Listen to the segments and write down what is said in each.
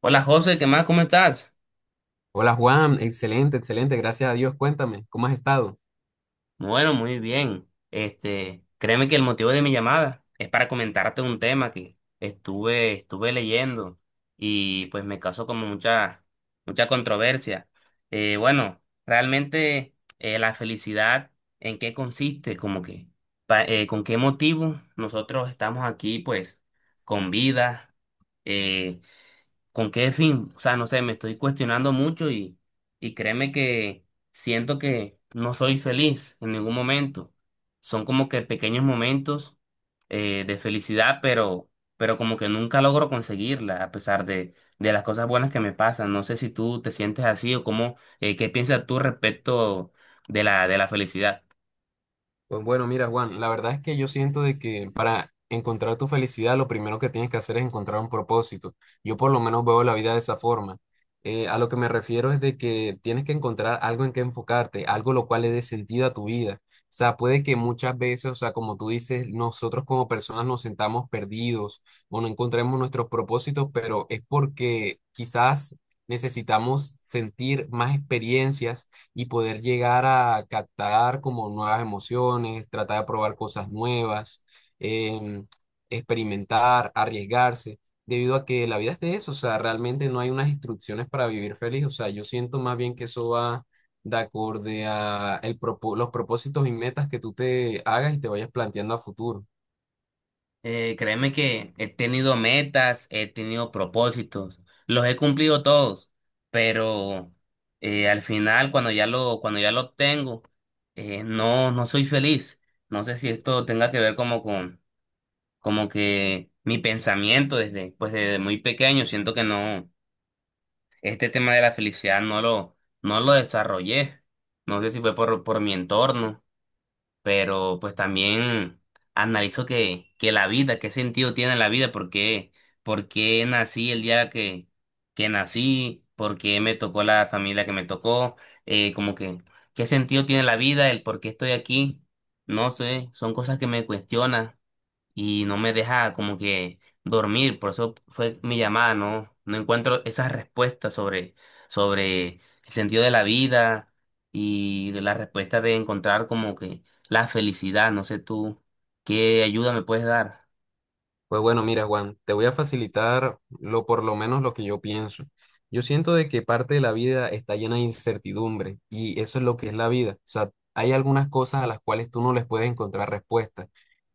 Hola José, ¿qué más? ¿Cómo estás? Hola Juan, excelente, excelente, gracias a Dios. Cuéntame, ¿cómo has estado? Bueno, muy bien. Créeme que el motivo de mi llamada es para comentarte un tema que estuve leyendo y pues me causó como mucha controversia. Bueno, realmente la felicidad, ¿en qué consiste? ¿Con qué motivo nosotros estamos aquí, pues, con vida? Eh, ¿Con qué fin? O sea, no sé, me estoy cuestionando mucho y créeme que siento que no soy feliz en ningún momento. Son como que pequeños momentos de felicidad, pero como que nunca logro conseguirla a pesar de las cosas buenas que me pasan. No sé si tú te sientes así o cómo, qué piensas tú respecto de la felicidad. Pues bueno, mira, Juan, la verdad es que yo siento de que para encontrar tu felicidad lo primero que tienes que hacer es encontrar un propósito. Yo por lo menos veo la vida de esa forma. A lo que me refiero es de que tienes que encontrar algo en que enfocarte, algo lo cual le dé sentido a tu vida. O sea, puede que muchas veces, o sea, como tú dices, nosotros como personas nos sentamos perdidos o no encontremos nuestros propósitos, pero es porque quizás necesitamos sentir más experiencias y poder llegar a captar como nuevas emociones, tratar de probar cosas nuevas, em, experimentar, arriesgarse, debido a que la vida es de eso, o sea, realmente no hay unas instrucciones para vivir feliz, o sea, yo siento más bien que eso va de acorde a el los propósitos y metas que tú te hagas y te vayas planteando a futuro. Créeme que he tenido metas, he tenido propósitos, los he cumplido todos, pero al final cuando ya lo obtengo, no soy feliz. No sé si esto tenga que ver como que mi pensamiento desde, pues desde muy pequeño, siento que no, este tema de la felicidad no lo desarrollé. No sé si fue por mi entorno pero pues también analizo que la vida, qué sentido tiene la vida, por qué nací el día que nací, por qué me tocó la familia que me tocó, como que qué sentido tiene la vida, el por qué estoy aquí, no sé, son cosas que me cuestionan y no me deja como que dormir, por eso fue mi llamada, ¿no? No encuentro esas respuestas sobre el sentido de la vida y la respuesta de encontrar como que la felicidad, no sé tú, ¿qué ayuda me puedes dar? Pues bueno, mira, Juan, te voy a facilitar lo por lo menos lo que yo pienso. Yo siento de que parte de la vida está llena de incertidumbre y eso es lo que es la vida. O sea, hay algunas cosas a las cuales tú no les puedes encontrar respuesta.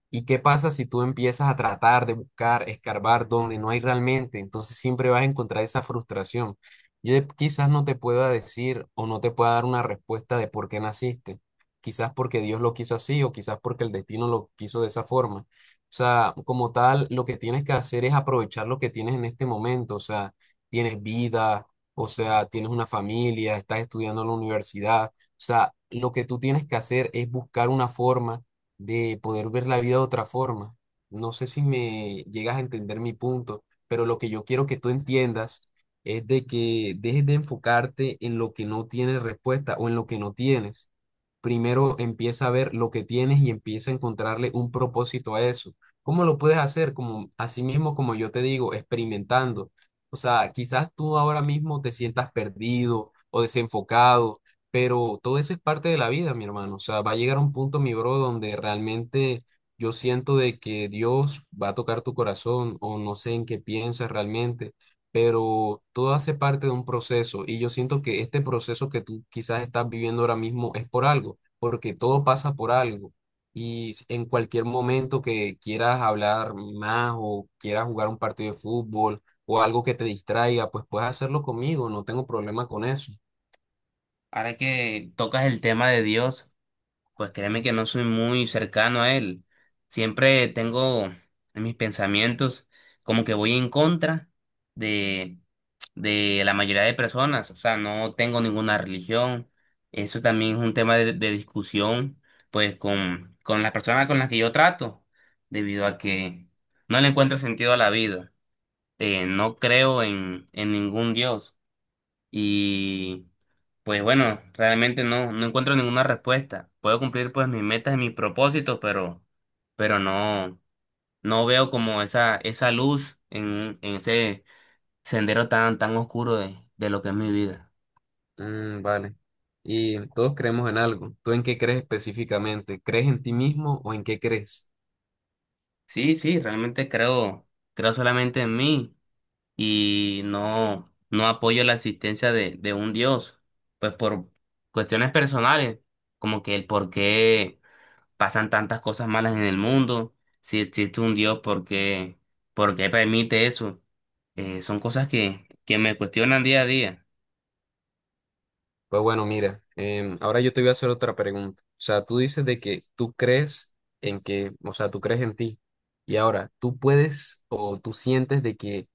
¿Y qué pasa si tú empiezas a tratar de buscar, escarbar donde no hay realmente? Entonces siempre vas a encontrar esa frustración. Quizás no te pueda decir o no te pueda dar una respuesta de por qué naciste. Quizás porque Dios lo quiso así o quizás porque el destino lo quiso de esa forma. O sea, como tal, lo que tienes que hacer es aprovechar lo que tienes en este momento. O sea, tienes vida, o sea, tienes una familia, estás estudiando en la universidad. O sea, lo que tú tienes que hacer es buscar una forma de poder ver la vida de otra forma. No sé si me llegas a entender mi punto, pero lo que yo quiero que tú entiendas es de que dejes de enfocarte en lo que no tienes respuesta o en lo que no tienes. Primero empieza a ver lo que tienes y empieza a encontrarle un propósito a eso. ¿Cómo lo puedes hacer? Como así mismo, como yo te digo, experimentando. O sea, quizás tú ahora mismo te sientas perdido o desenfocado pero todo eso es parte de la vida, mi hermano. O sea, va a llegar un punto, mi bro, donde realmente yo siento de que Dios va a tocar tu corazón o no sé en qué piensas realmente, pero todo hace parte de un proceso y yo siento que este proceso que tú quizás estás viviendo ahora mismo es por algo, porque todo pasa por algo. En cualquier momento que quieras hablar más o quieras jugar un partido de fútbol o algo que te distraiga, pues puedes hacerlo conmigo, no tengo problema con eso. Ahora que tocas el tema de Dios, pues créeme que no soy muy cercano a Él. Siempre tengo en mis pensamientos como que voy en contra de la mayoría de personas, o sea, no tengo ninguna religión. Eso también es un tema de discusión, pues, con las personas con las que yo trato, debido a que no le encuentro sentido a la vida. No creo en ningún Dios. Y, pues, bueno, realmente no encuentro ninguna respuesta. Puedo cumplir, pues, mis metas y mis propósitos, pero no, no veo como esa luz en ese sendero tan oscuro de lo que es mi vida. Mm, vale. Y todos creemos en algo. ¿Tú en qué crees específicamente? ¿Crees en ti mismo o en qué crees? Sí, sí, creo solamente en mí y no apoyo la existencia de un Dios, pues por cuestiones personales, como que el por qué pasan tantas cosas malas en el mundo, si existe un Dios, por qué permite eso. Son cosas que me cuestionan día a día. Pues bueno, mira, ahora yo te voy a hacer otra pregunta. O sea, tú dices de que tú crees en que, o sea, tú crees en ti. Y ahora, ¿tú puedes o tú sientes de que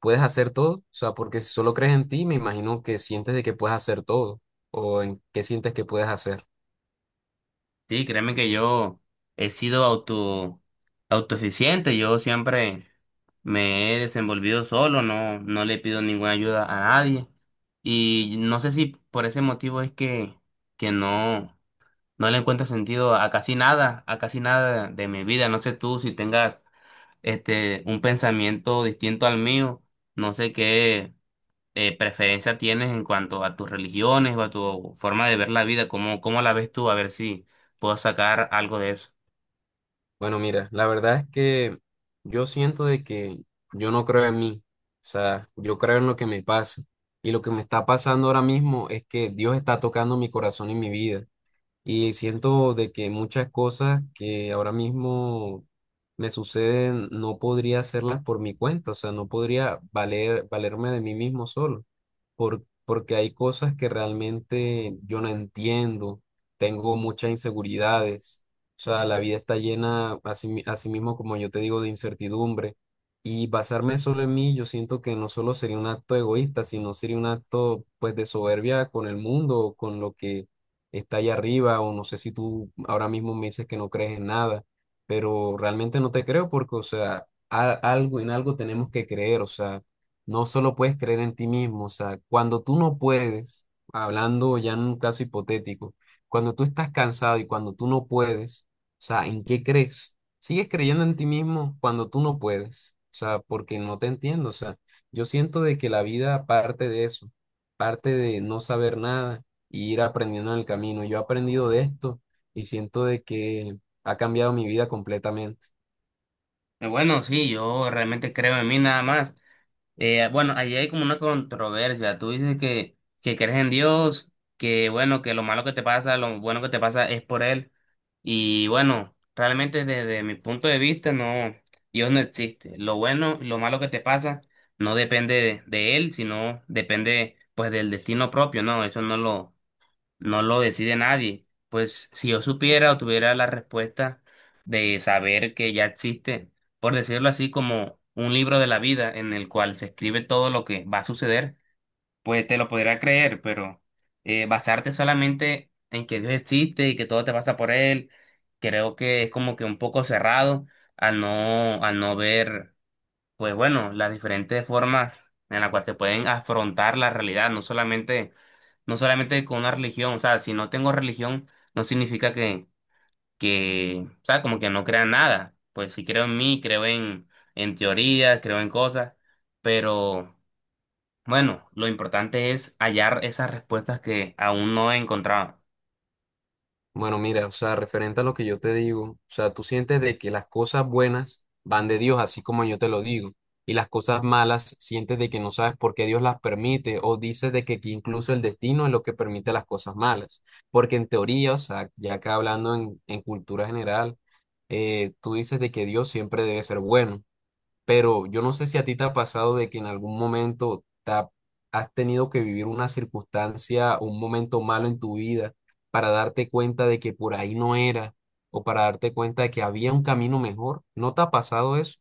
puedes hacer todo? O sea, porque si solo crees en ti, me imagino que sientes de que puedes hacer todo. ¿O en qué sientes que puedes hacer? Sí, créeme que yo he sido auto, autoeficiente, yo siempre me he desenvolvido solo, no le pido ninguna ayuda a nadie. Y no sé si por ese motivo es que no, no le encuentro sentido a casi nada de mi vida. No sé tú si tengas un pensamiento distinto al mío, no sé qué preferencia tienes en cuanto a tus religiones o a tu forma de ver la vida. ¿Cómo, cómo la ves tú? A ver si puedo sacar algo de eso. Bueno, mira, la verdad es que yo siento de que yo no creo en mí, o sea, yo creo en lo que me pasa y lo que me está pasando ahora mismo es que Dios está tocando mi corazón y mi vida y siento de que muchas cosas que ahora mismo me suceden no podría hacerlas por mi cuenta, o sea, no podría valer, valerme de mí mismo solo porque hay cosas que realmente yo no entiendo, tengo muchas inseguridades, o sea, la vida está llena, así, así mismo como yo te digo, de incertidumbre, y basarme solo en mí, yo siento que no solo sería un acto egoísta, sino sería un acto, pues, de soberbia con el mundo, o con lo que está allá arriba, o no sé si tú ahora mismo me dices que no crees en nada, pero realmente no te creo porque, o sea, algo, en algo tenemos que creer, o sea no solo puedes creer en ti mismo, o sea, cuando tú no puedes, hablando ya en un caso hipotético, cuando tú estás cansado y cuando tú no puedes, o sea, ¿en qué crees? ¿Sigues creyendo en ti mismo cuando tú no puedes? O sea, porque no te entiendo, o sea, yo siento de que la vida parte de eso, parte de no saber nada y ir aprendiendo en el camino. Yo he aprendido de esto y siento de que ha cambiado mi vida completamente. Bueno, sí, yo realmente creo en mí nada más. Bueno, ahí hay como una controversia. Tú dices que crees en Dios, que bueno, que lo malo que te pasa, lo bueno que te pasa es por Él. Y bueno, realmente desde mi punto de vista, no, Dios no existe. Lo bueno, lo malo que te pasa no depende de Él, sino depende pues del destino propio, ¿no? Eso no lo, no lo decide nadie. Pues si yo supiera o tuviera la respuesta de saber que ya existe, por decirlo así, como un libro de la vida en el cual se escribe todo lo que va a suceder, pues te lo podría creer, pero basarte solamente en que Dios existe y que todo te pasa por él, creo que es como que un poco cerrado al no ver, pues bueno, las diferentes formas en las cuales se pueden afrontar la realidad, no solamente con una religión, o sea, si no tengo religión, no significa o sea, como que no crea en nada. Pues sí creo en mí, creo en teorías, creo en cosas, pero bueno, lo importante es hallar esas respuestas que aún no he encontrado. Bueno, mira, o sea, referente a lo que yo te digo, o sea, tú sientes de que las cosas buenas van de Dios, así como yo te lo digo, y las cosas malas sientes de que no sabes por qué Dios las permite, o dices de que incluso el destino es lo que permite las cosas malas, porque en teoría, o sea, ya acá hablando en cultura general, tú dices de que Dios siempre debe ser bueno. Pero yo no sé si a ti te ha pasado de que en algún momento has tenido que vivir una circunstancia, un momento malo en tu vida para darte cuenta de que por ahí no era o para darte cuenta de que había un camino mejor. ¿No te ha pasado eso?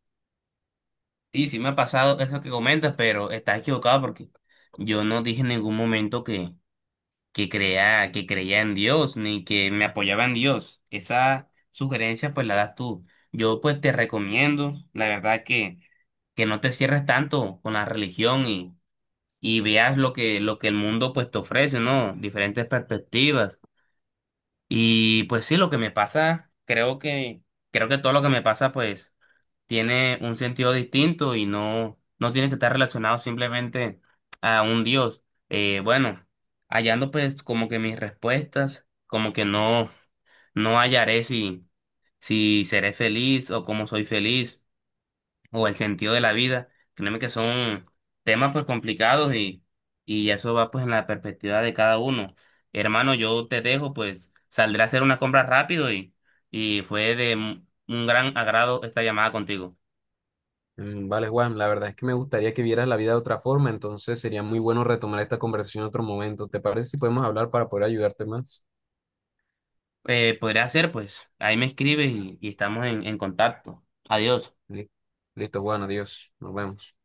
Sí, sí me ha pasado eso que comentas, pero estás equivocado porque yo no dije en ningún momento que creía en Dios, ni que me apoyaba en Dios. Esa sugerencia pues la das tú. Yo pues te recomiendo, la verdad que no te cierres tanto con la religión y veas lo que el mundo pues te ofrece, ¿no? Diferentes perspectivas. Y pues sí, lo que me pasa, creo que todo lo que me pasa pues tiene un sentido distinto y no tiene que estar relacionado simplemente a un dios. Bueno, hallando pues como que mis respuestas, como que no, no hallaré si seré feliz o cómo soy feliz o el sentido de la vida. Créeme que son temas pues complicados y eso va pues en la perspectiva de cada uno. Hermano, yo te dejo, pues saldré a hacer una compra rápido y fue de un gran agrado esta llamada contigo. Mm, vale, Juan, la verdad es que me gustaría que vieras la vida de otra forma, entonces sería muy bueno retomar esta conversación en otro momento. ¿Te parece si podemos hablar para poder ayudarte más? Podría ser, pues. Ahí me escribes y estamos en contacto. Adiós. Li- Listo, Juan, adiós, nos vemos.